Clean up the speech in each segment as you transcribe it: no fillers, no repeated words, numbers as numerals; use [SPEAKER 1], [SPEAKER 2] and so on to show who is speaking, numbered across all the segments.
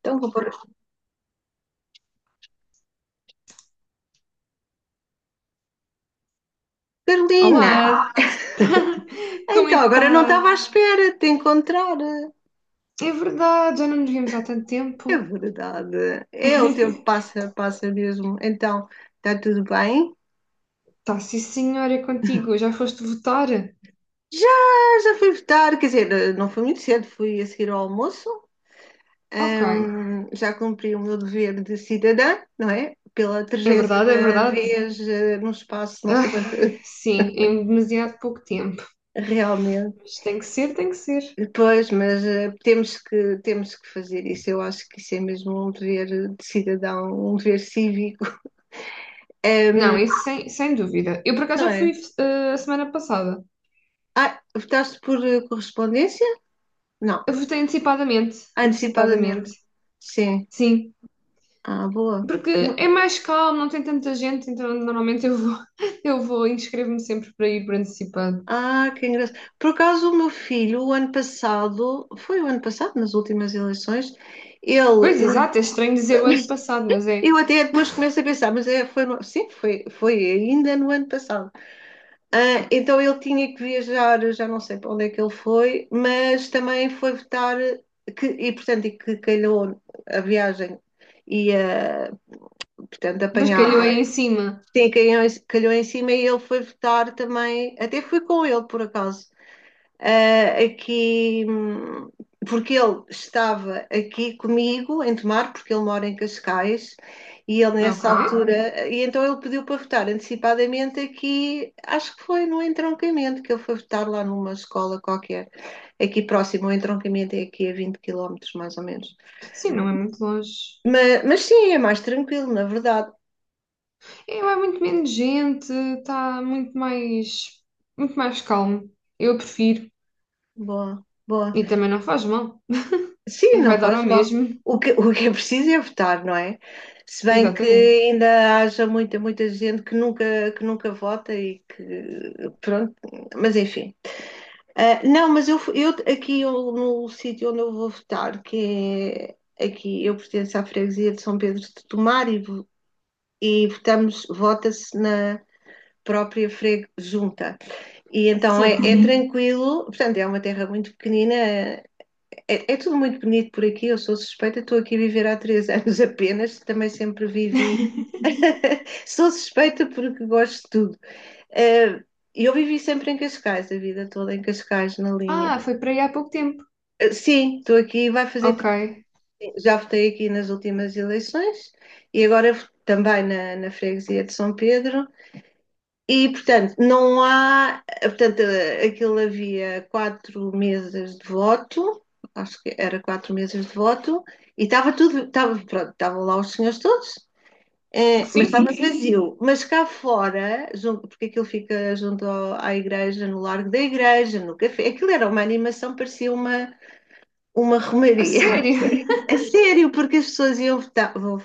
[SPEAKER 1] Então vou pôr. Carolina!
[SPEAKER 2] Olá, como é
[SPEAKER 1] Então
[SPEAKER 2] que
[SPEAKER 1] agora não
[SPEAKER 2] está?
[SPEAKER 1] estava à espera de te encontrar.
[SPEAKER 2] É verdade, já não nos vimos há tanto
[SPEAKER 1] É
[SPEAKER 2] tempo.
[SPEAKER 1] verdade. É. O tempo passa, passa mesmo. Então, está tudo bem?
[SPEAKER 2] Tá, sim senhora, é contigo, já foste votar?
[SPEAKER 1] Já, já fui votar, quer dizer, não foi muito cedo, fui a seguir ao almoço.
[SPEAKER 2] Ok,
[SPEAKER 1] Já cumpri o meu dever de cidadã, não é? Pela
[SPEAKER 2] é verdade, é
[SPEAKER 1] trigésima
[SPEAKER 2] verdade.
[SPEAKER 1] vez num espaço, não sei
[SPEAKER 2] Ai,
[SPEAKER 1] quanto,
[SPEAKER 2] sim, em demasiado pouco tempo,
[SPEAKER 1] realmente.
[SPEAKER 2] mas tem que ser, tem que ser.
[SPEAKER 1] Depois, mas temos que fazer isso. Eu acho que isso é mesmo um dever de cidadão, um dever cívico,
[SPEAKER 2] Não,
[SPEAKER 1] Ehm,
[SPEAKER 2] isso sem dúvida. Eu por acaso
[SPEAKER 1] não
[SPEAKER 2] já fui
[SPEAKER 1] é?
[SPEAKER 2] a semana passada.
[SPEAKER 1] Ah, votaste por correspondência? Não,
[SPEAKER 2] Eu votei antecipadamente,
[SPEAKER 1] antecipadamente.
[SPEAKER 2] antecipadamente,
[SPEAKER 1] Sim.
[SPEAKER 2] sim.
[SPEAKER 1] Ah, boa.
[SPEAKER 2] Porque
[SPEAKER 1] Não-
[SPEAKER 2] é mais calmo, não tem tanta gente, então normalmente eu vou, eu vou inscrevo-me sempre para ir por antecipado.
[SPEAKER 1] Ah, que engraçado. Por acaso, o meu filho, o ano passado, foi o ano passado, nas últimas eleições, ele.
[SPEAKER 2] Pois,
[SPEAKER 1] No-
[SPEAKER 2] exato, é estranho dizer o ano passado, mas é.
[SPEAKER 1] Eu até depois começo a pensar, mas é, foi, no- sim, foi ainda no ano passado. Ah, então ele tinha que viajar, eu já não sei para onde é que ele foi, mas também foi votar, que, e portanto, e que calhou a viagem e a Portanto,
[SPEAKER 2] Mas calhou aí
[SPEAKER 1] apanhava.
[SPEAKER 2] em cima.
[SPEAKER 1] Sim, calhou, calhou em cima e ele foi votar também. Até fui com ele, por acaso. Aqui, porque ele estava aqui comigo em Tomar, porque ele mora em Cascais, e ele nessa
[SPEAKER 2] Ok.
[SPEAKER 1] Altura. E então ele pediu para votar antecipadamente aqui, acho que foi no Entroncamento, que ele foi votar lá numa escola qualquer, aqui próximo. O Entroncamento é aqui a 20 quilómetros mais ou menos.
[SPEAKER 2] Sim, não é muito longe.
[SPEAKER 1] Mas sim, é mais tranquilo, na verdade.
[SPEAKER 2] É, vai muito menos gente, está muito mais calmo. Eu prefiro.
[SPEAKER 1] Boa, boa.
[SPEAKER 2] E também não faz mal.
[SPEAKER 1] Sim, não
[SPEAKER 2] Vai dar
[SPEAKER 1] faz
[SPEAKER 2] ao
[SPEAKER 1] mal.
[SPEAKER 2] mesmo.
[SPEAKER 1] O que é preciso é votar, não é? Se bem que
[SPEAKER 2] Exatamente.
[SPEAKER 1] ainda haja muita, muita gente que nunca vota e que, pronto, mas enfim. Ah, não, mas eu, eu aqui eu, no sítio onde eu vou votar, que é aqui, eu pertenço à freguesia de São Pedro de Tomar e votamos, vota-se na própria freg junta. E então é,
[SPEAKER 2] Sim.
[SPEAKER 1] é Uhum. Tranquilo, portanto é uma terra muito pequenina, é tudo muito bonito por aqui, eu sou suspeita, estou aqui a viver há três anos apenas, também sempre vivi. Sou suspeita porque gosto de tudo. Eh, E eu vivi sempre em Cascais, a vida toda em Cascais, na linha.
[SPEAKER 2] Ah, foi para aí há pouco tempo.
[SPEAKER 1] Sim, estou aqui, vai fazer.
[SPEAKER 2] Ok.
[SPEAKER 1] Tri- Já votei aqui nas últimas eleições e agora também na freguesia de São Pedro. E, portanto, não há. Portanto, aquilo havia quatro mesas de voto, acho que era quatro mesas de voto, e estava tudo. Estava, pronto, estavam lá os senhores todos, mas
[SPEAKER 2] Sim, sim,
[SPEAKER 1] estava
[SPEAKER 2] sim.
[SPEAKER 1] vazio. Mas cá fora, junto- porque aquilo fica junto ao- à igreja, no largo da igreja, no café, aquilo era uma animação, parecia uma
[SPEAKER 2] A
[SPEAKER 1] romaria.
[SPEAKER 2] sério?
[SPEAKER 1] A sério, porque as pessoas iam votar. Vão-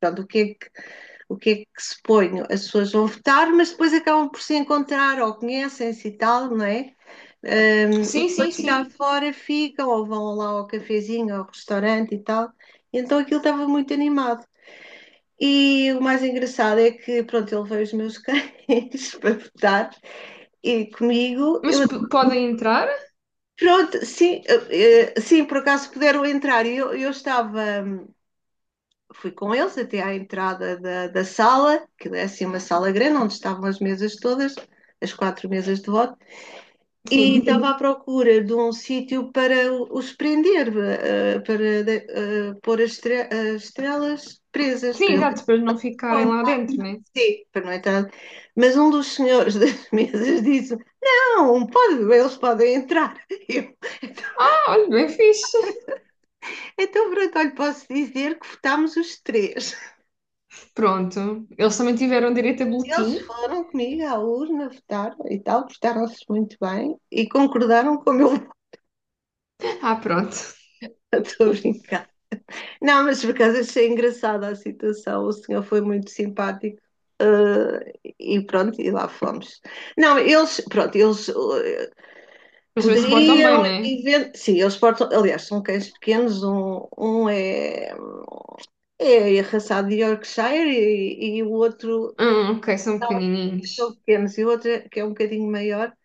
[SPEAKER 1] Pronto, o que é que se põe? As pessoas vão votar, mas depois acabam por se encontrar ou conhecem-se e tal, não é? E
[SPEAKER 2] Sim, sim,
[SPEAKER 1] depois cá
[SPEAKER 2] sim.
[SPEAKER 1] fora ficam ou vão lá ao cafezinho, ao restaurante e tal. E então aquilo estava muito animado. E o mais engraçado é que, pronto, ele veio os meus cães para votar e comigo,
[SPEAKER 2] Mas
[SPEAKER 1] eu,
[SPEAKER 2] podem entrar?
[SPEAKER 1] pronto, sim, sim, por acaso puderam entrar. E eu estava fui com eles até à entrada da sala, que é assim uma sala grande, onde estavam as mesas todas, as quatro mesas de voto, e, Uhum,
[SPEAKER 2] Sim.
[SPEAKER 1] estava à procura de um sítio para os prender, para de- pôr as, estre- as estrelas presas, para
[SPEAKER 2] Sim,
[SPEAKER 1] ele
[SPEAKER 2] exato, para não ficarem lá dentro, né?
[SPEAKER 1] sim, para não entrar. Mas um dos senhores das mesas disse: Não, pode, eles podem entrar. Eu, então,
[SPEAKER 2] Ah, olha, bem fixe.
[SPEAKER 1] então, pronto, olha, posso dizer que votámos os três.
[SPEAKER 2] Pronto. Eles também tiveram direito a
[SPEAKER 1] Eles
[SPEAKER 2] boletim.
[SPEAKER 1] foram comigo à urna, votaram e tal, portaram-se muito bem e concordaram com o meu voto,
[SPEAKER 2] Ah, pronto.
[SPEAKER 1] estou a brincar. Não, mas por acaso achei engraçada a situação, o senhor foi muito simpático. eh, e pronto, e lá fomos. Não, eles, pronto, eles
[SPEAKER 2] Mas também se portam bem,
[SPEAKER 1] poderiam,
[SPEAKER 2] não é?
[SPEAKER 1] even- sim, eles portam, aliás, são cães pequenos, um é arraçado de Yorkshire e o outro
[SPEAKER 2] Ah, ok, são
[SPEAKER 1] são
[SPEAKER 2] pequenininhos.
[SPEAKER 1] pequenos, e o outro é, que é um bocadinho maior,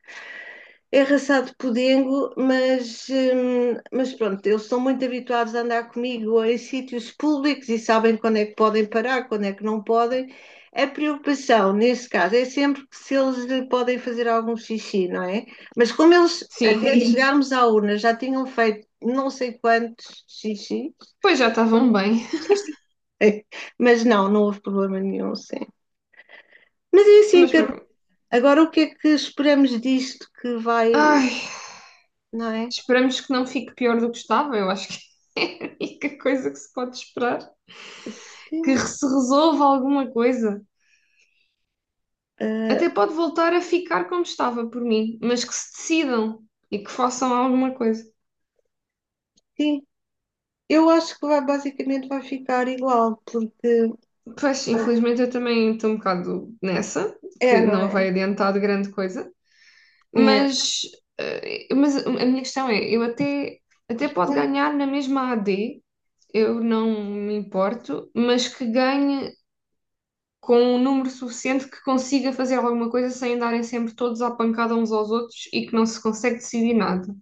[SPEAKER 1] É raçado podengo, mas pronto, eles estão muito habituados a andar comigo em sítios públicos e sabem quando é que podem parar, quando é que não podem. A preocupação, nesse caso, é sempre que se eles podem fazer algum xixi, não é? Mas como eles, até,
[SPEAKER 2] Sim.
[SPEAKER 1] Sim, chegarmos à urna, já tinham feito não sei quantos xixi,
[SPEAKER 2] Pois já estavam bem.
[SPEAKER 1] mas não, não houve problema nenhum, sim. Mas é assim,
[SPEAKER 2] Mas
[SPEAKER 1] que
[SPEAKER 2] para como?
[SPEAKER 1] agora o que é que esperamos disto que vai,
[SPEAKER 2] Ai,
[SPEAKER 1] não é?
[SPEAKER 2] esperamos que não fique pior do que estava. Eu acho que é a única coisa que se pode esperar. Que
[SPEAKER 1] Sim,
[SPEAKER 2] se resolva alguma coisa.
[SPEAKER 1] ah,
[SPEAKER 2] Até pode voltar a ficar como estava por mim, mas que se decidam e que façam alguma coisa.
[SPEAKER 1] sim. Eu acho que vai, basicamente vai ficar igual, porque
[SPEAKER 2] Pois, infelizmente eu também estou um bocado nessa,
[SPEAKER 1] é,
[SPEAKER 2] que
[SPEAKER 1] não
[SPEAKER 2] não
[SPEAKER 1] é?
[SPEAKER 2] vai adiantar de grande coisa.
[SPEAKER 1] É.
[SPEAKER 2] Mas, mas a minha questão é, eu até pode ganhar na mesma AD, eu não me importo, mas que ganhe com um número suficiente que consiga fazer alguma coisa sem andarem sempre todos à pancada uns aos outros e que não se consegue decidir nada.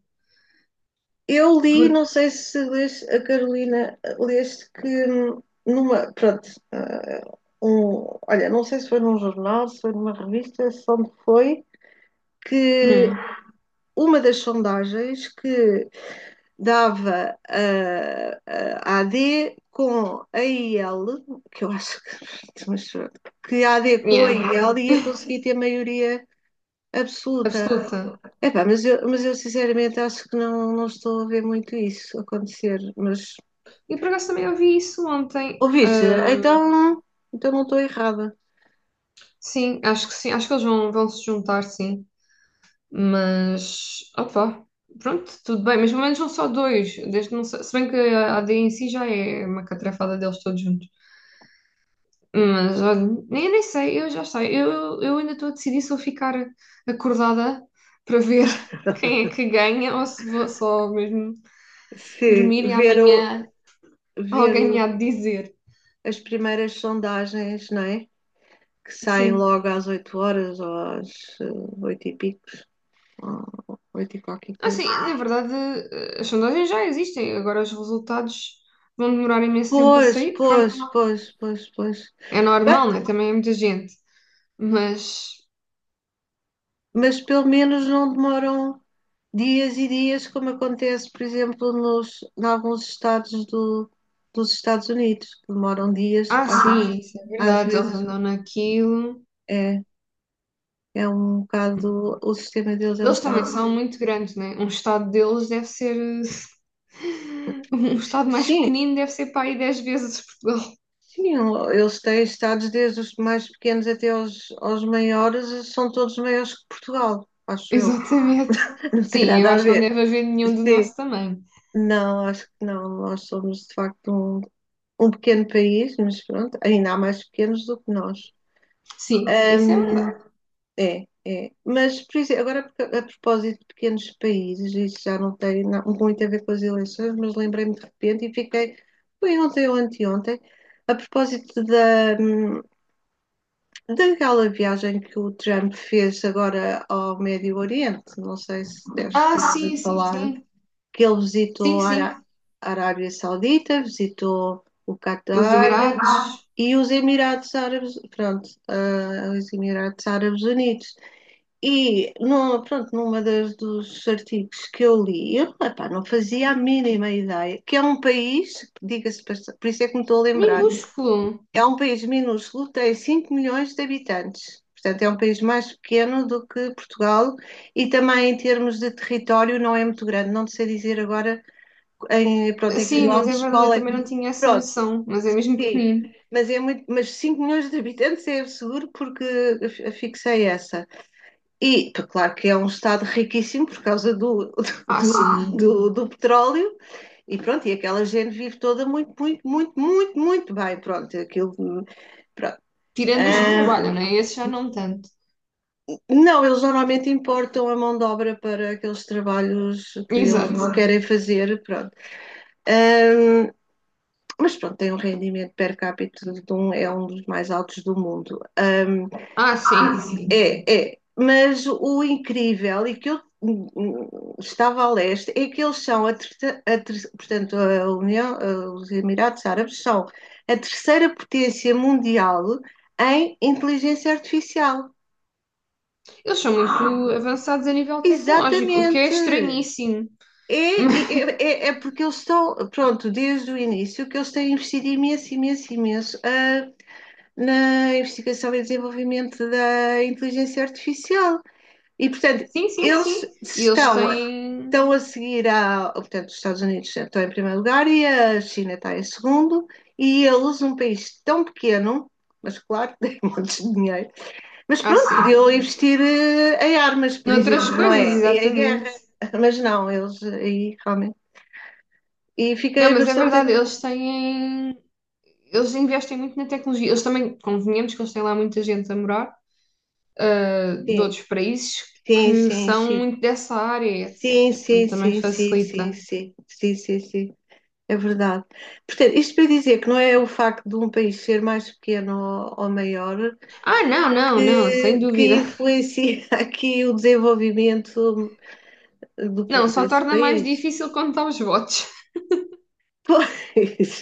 [SPEAKER 1] Eu li, não
[SPEAKER 2] Porque,
[SPEAKER 1] sei se leste, a Carolina, leste que numa, pronto, olha, não sei se foi num jornal, se foi numa revista, se onde foi, que
[SPEAKER 2] hum,
[SPEAKER 1] uma das sondagens que dava a AD com a IL, que eu acho que, mas pronto, que a AD com a
[SPEAKER 2] yeah,
[SPEAKER 1] IL ia conseguir ter maioria absoluta.
[SPEAKER 2] absoluta.
[SPEAKER 1] Epá, mas eu sinceramente acho que não, não estou a ver muito isso acontecer. Mas
[SPEAKER 2] E por acaso também ouvi isso ontem.
[SPEAKER 1] ouviste? Então não estou errada.
[SPEAKER 2] Sim, acho que sim, acho que eles vão se juntar, sim. Mas, opá, pronto, tudo bem. Mas pelo menos são só dois. Desde não sei, se bem que a AD em si já é uma catrafada deles todos juntos. Mas olha, eu nem sei, eu já sei. Eu ainda estou a decidir se vou ficar acordada para ver quem é que ganha ou se vou só mesmo
[SPEAKER 1] Se
[SPEAKER 2] dormir e
[SPEAKER 1] ver, o,
[SPEAKER 2] amanhã
[SPEAKER 1] ver o,
[SPEAKER 2] alguém há de dizer.
[SPEAKER 1] as primeiras sondagens, não é? Que saem
[SPEAKER 2] Sim.
[SPEAKER 1] logo às 8 horas ou às 8 e pico 8 e qualquer coisa.
[SPEAKER 2] Assim, na verdade, as sondagens já existem, agora os resultados vão demorar imenso tempo a
[SPEAKER 1] Pois,
[SPEAKER 2] sair.
[SPEAKER 1] pois,
[SPEAKER 2] Pronto,
[SPEAKER 1] pois, pois, pois.
[SPEAKER 2] é
[SPEAKER 1] Bem,
[SPEAKER 2] normal, né? Também é muita gente. Mas,
[SPEAKER 1] mas pelo menos não demoram dias e dias, como acontece, por exemplo, nos, em alguns estados do, dos Estados Unidos, que demoram dias,
[SPEAKER 2] ah, sim, isso é
[SPEAKER 1] às
[SPEAKER 2] verdade, eles andam
[SPEAKER 1] vezes
[SPEAKER 2] naquilo.
[SPEAKER 1] é, é um bocado, o sistema deles é um
[SPEAKER 2] Eles também
[SPEAKER 1] bocado.
[SPEAKER 2] são muito grandes, né? Um estado deles deve ser. Um estado mais
[SPEAKER 1] Sim,
[SPEAKER 2] pequenino deve ser para aí 10 vezes Portugal.
[SPEAKER 1] sim, eles têm estados desde os mais pequenos até aos maiores, são todos maiores que Portugal, acho eu.
[SPEAKER 2] Exatamente.
[SPEAKER 1] Não tem
[SPEAKER 2] Sim, eu
[SPEAKER 1] nada a
[SPEAKER 2] acho que não
[SPEAKER 1] ver.
[SPEAKER 2] deve haver nenhum do
[SPEAKER 1] Sim,
[SPEAKER 2] nosso tamanho.
[SPEAKER 1] não, acho que não. Nós somos de facto um pequeno país, mas pronto, ainda há mais pequenos do que nós.
[SPEAKER 2] Sim, isso é
[SPEAKER 1] Um,
[SPEAKER 2] verdade.
[SPEAKER 1] é. Mas, por exemplo, agora a propósito de pequenos países, isso já não tem na- muito a ver com as eleições, mas lembrei-me de repente e fiquei, foi ontem ou anteontem, a propósito daquela viagem que o Trump fez agora ao Médio Oriente, não sei se deves
[SPEAKER 2] Ah,
[SPEAKER 1] ter
[SPEAKER 2] sim,
[SPEAKER 1] ouvido
[SPEAKER 2] sim,
[SPEAKER 1] falar,
[SPEAKER 2] sim.
[SPEAKER 1] que ele
[SPEAKER 2] Sim,
[SPEAKER 1] visitou a Ará-
[SPEAKER 2] sim.
[SPEAKER 1] Arábia Saudita, visitou o
[SPEAKER 2] Os
[SPEAKER 1] Catar
[SPEAKER 2] Emirados.
[SPEAKER 1] e os Emirados Árabes, pronto, os Emirados Árabes Unidos. E, no, pronto, numa das dos artigos que eu li, eu epá, não fazia a mínima ideia, que é um país, diga-se, passa- por isso é que me estou a lembrar,
[SPEAKER 2] Minúsculo.
[SPEAKER 1] é um país minúsculo, tem 5 milhões de habitantes. Portanto, é um país mais pequeno do que Portugal e também em termos de território não é muito grande. Não sei dizer agora em, pronto, em
[SPEAKER 2] Sim, mas é
[SPEAKER 1] quilómetros,
[SPEAKER 2] verdade, eu
[SPEAKER 1] qual é?
[SPEAKER 2] também não tinha essa
[SPEAKER 1] Pronto,
[SPEAKER 2] noção, mas é mesmo
[SPEAKER 1] sim.
[SPEAKER 2] pequenino.
[SPEAKER 1] Mas, é muito, mas 5 milhões de habitantes é seguro porque eu fixei essa. E, claro que é um estado riquíssimo por causa
[SPEAKER 2] Ah,
[SPEAKER 1] do,
[SPEAKER 2] sim.
[SPEAKER 1] do petróleo e pronto, e aquela gente vive toda muito, muito, muito, muito, muito bem. Pronto, aquilo, pronto.
[SPEAKER 2] Tirando os que trabalham,
[SPEAKER 1] Ah,
[SPEAKER 2] né? Esses já não tanto.
[SPEAKER 1] não, eles normalmente importam a mão de obra para aqueles trabalhos que eles
[SPEAKER 2] Exato.
[SPEAKER 1] não querem fazer, pronto. Ah, mas pronto, tem um rendimento per capita de um, é um dos mais altos do mundo.
[SPEAKER 2] Ah, sim, sim.
[SPEAKER 1] Mas o incrível e que eu estava a leste é que eles são, portanto, a União, os Emirados Árabes são a terceira potência mundial em inteligência artificial.
[SPEAKER 2] Eles são muito avançados a nível tecnológico, o que é
[SPEAKER 1] Exatamente.
[SPEAKER 2] estranhíssimo.
[SPEAKER 1] É, é, é, é porque eles estão, pronto, desde o início que eles têm investido imenso, imenso, imenso na investigação e desenvolvimento da inteligência artificial. E, portanto,
[SPEAKER 2] Sim, sim,
[SPEAKER 1] eles
[SPEAKER 2] sim. E eles
[SPEAKER 1] estão,
[SPEAKER 2] têm.
[SPEAKER 1] estão a seguir a. Portanto, os Estados Unidos estão em primeiro lugar e a China está em segundo, e eles, um país tão pequeno, mas claro que tem montes de dinheiro, mas
[SPEAKER 2] Ah,
[SPEAKER 1] pronto,
[SPEAKER 2] sim.
[SPEAKER 1] podiam investir em armas, por
[SPEAKER 2] Noutras
[SPEAKER 1] exemplo, não
[SPEAKER 2] coisas,
[SPEAKER 1] é? E em guerra,
[SPEAKER 2] exatamente.
[SPEAKER 1] mas não, eles aí realmente. E fiquei
[SPEAKER 2] Não, mas é
[SPEAKER 1] bastante.
[SPEAKER 2] verdade, eles têm. Eles investem muito na tecnologia. Eles também, convenhamos que eles têm lá muita gente a morar, ah, de
[SPEAKER 1] Sim,
[SPEAKER 2] outros países
[SPEAKER 1] sim,
[SPEAKER 2] que
[SPEAKER 1] sim,
[SPEAKER 2] são
[SPEAKER 1] sim.
[SPEAKER 2] muito dessa área,
[SPEAKER 1] Sim,
[SPEAKER 2] etc. Portanto,
[SPEAKER 1] sim,
[SPEAKER 2] também
[SPEAKER 1] sim, sim, sim,
[SPEAKER 2] facilita.
[SPEAKER 1] sim, sim, sim, sim. É verdade. Portanto, isto para dizer que não é o facto de um país ser mais pequeno ou maior
[SPEAKER 2] Ah, não, não, não, sem
[SPEAKER 1] que
[SPEAKER 2] dúvida.
[SPEAKER 1] influencia aqui o desenvolvimento do,
[SPEAKER 2] Não, só
[SPEAKER 1] desse
[SPEAKER 2] torna mais
[SPEAKER 1] país.
[SPEAKER 2] difícil contar os votos.
[SPEAKER 1] Pois,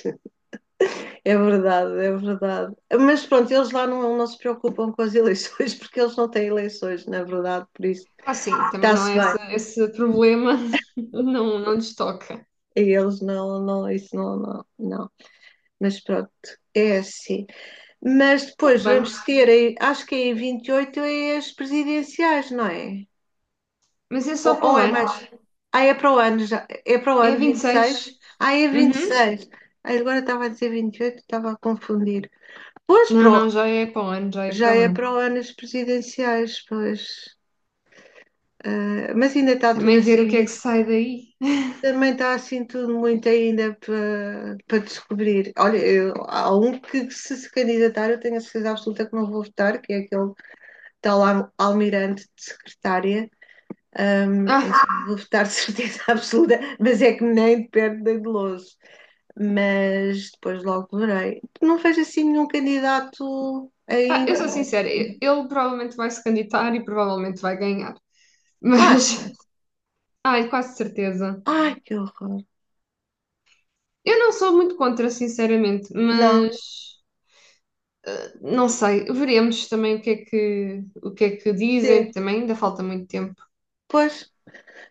[SPEAKER 1] é verdade, é verdade. Mas pronto, eles lá não, não se preocupam com as eleições porque eles não têm eleições, na verdade, por isso
[SPEAKER 2] Ah, sim, também não
[SPEAKER 1] está-se
[SPEAKER 2] é esse,
[SPEAKER 1] bem.
[SPEAKER 2] esse problema, não, não lhes toca.
[SPEAKER 1] E eles não, não, isso não, não, não. Mas pronto, é assim. Mas
[SPEAKER 2] Tá
[SPEAKER 1] depois
[SPEAKER 2] bem,
[SPEAKER 1] vamos ter, aí- acho que é em 28 é as presidenciais, não é?
[SPEAKER 2] mas é
[SPEAKER 1] Ou,
[SPEAKER 2] só para
[SPEAKER 1] ou
[SPEAKER 2] o
[SPEAKER 1] é mais.
[SPEAKER 2] ano.
[SPEAKER 1] Ah, é para o ano já. É para o
[SPEAKER 2] É
[SPEAKER 1] ano vinte e seis.
[SPEAKER 2] 26.
[SPEAKER 1] Ah, é vinte e
[SPEAKER 2] Uhum.
[SPEAKER 1] seis Ah, agora estava a dizer vinte e oito, estava a confundir. Pois, para
[SPEAKER 2] Não,
[SPEAKER 1] o-
[SPEAKER 2] não, já é para o ano, já é
[SPEAKER 1] já
[SPEAKER 2] para o
[SPEAKER 1] é para
[SPEAKER 2] ano.
[SPEAKER 1] o ano as presidenciais, pois. Ah, mas ainda está tudo
[SPEAKER 2] Também ver
[SPEAKER 1] assim
[SPEAKER 2] o que é que
[SPEAKER 1] muito.
[SPEAKER 2] sai daí.
[SPEAKER 1] Também está assim tudo muito ainda para descobrir. Olha, eu- há um que se se candidatar, eu tenho a certeza absoluta que não vou votar, que é aquele tal al- almirante de secretária. Eu só
[SPEAKER 2] Ah,
[SPEAKER 1] vou votar de certeza absoluta, mas é que nem de perto da Goloso. Mas depois logo verei. Não vejo assim nenhum candidato
[SPEAKER 2] ah, eu sou
[SPEAKER 1] ainda.
[SPEAKER 2] sincera, ele provavelmente vai se candidatar e provavelmente vai ganhar.
[SPEAKER 1] Ah, sim.
[SPEAKER 2] Mas, ai, quase certeza.
[SPEAKER 1] Ai, que horror.
[SPEAKER 2] Eu não sou muito contra, sinceramente,
[SPEAKER 1] Não,
[SPEAKER 2] mas não sei, veremos também o que é que dizem,
[SPEAKER 1] sim.
[SPEAKER 2] também ainda falta muito tempo.
[SPEAKER 1] Pois,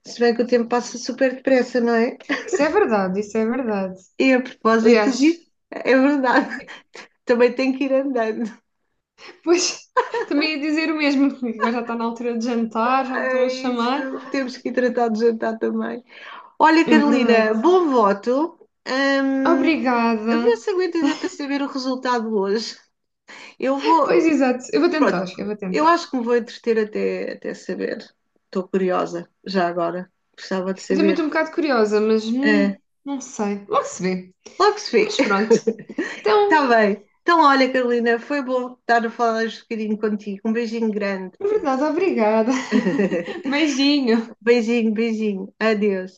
[SPEAKER 1] se bem que o tempo passa super depressa, não é?
[SPEAKER 2] Isso é verdade, isso é verdade.
[SPEAKER 1] E a propósito
[SPEAKER 2] Aliás,
[SPEAKER 1] disso, é verdade, também tem que ir andando.
[SPEAKER 2] depois também ia dizer o mesmo, porque agora já está na altura de jantar, já me estão a
[SPEAKER 1] É isso,
[SPEAKER 2] chamar.
[SPEAKER 1] temos que ir tratar de jantar também. Olha,
[SPEAKER 2] É
[SPEAKER 1] Carolina,
[SPEAKER 2] verdade.
[SPEAKER 1] bom voto. Ahm, a
[SPEAKER 2] Obrigada.
[SPEAKER 1] ver se aguentas é para saber o resultado hoje. Eu
[SPEAKER 2] Pois
[SPEAKER 1] vou.
[SPEAKER 2] exato, eu vou tentar,
[SPEAKER 1] Pronto,
[SPEAKER 2] eu vou
[SPEAKER 1] eu
[SPEAKER 2] tentar.
[SPEAKER 1] acho que me vou entreter até saber. Estou curiosa, já agora. Gostava de
[SPEAKER 2] Eu também
[SPEAKER 1] saber.
[SPEAKER 2] estou um bocado curiosa, mas
[SPEAKER 1] Ah,
[SPEAKER 2] não sei, logo se vê.
[SPEAKER 1] logo se vê.
[SPEAKER 2] Mas pronto. Então,
[SPEAKER 1] Está bem. Então, olha, Carolina, foi bom estar a falar um bocadinho contigo. Um beijinho grande.
[SPEAKER 2] é verdade, obrigada. Beijinho.
[SPEAKER 1] Beijinho, beijinho. Adeus.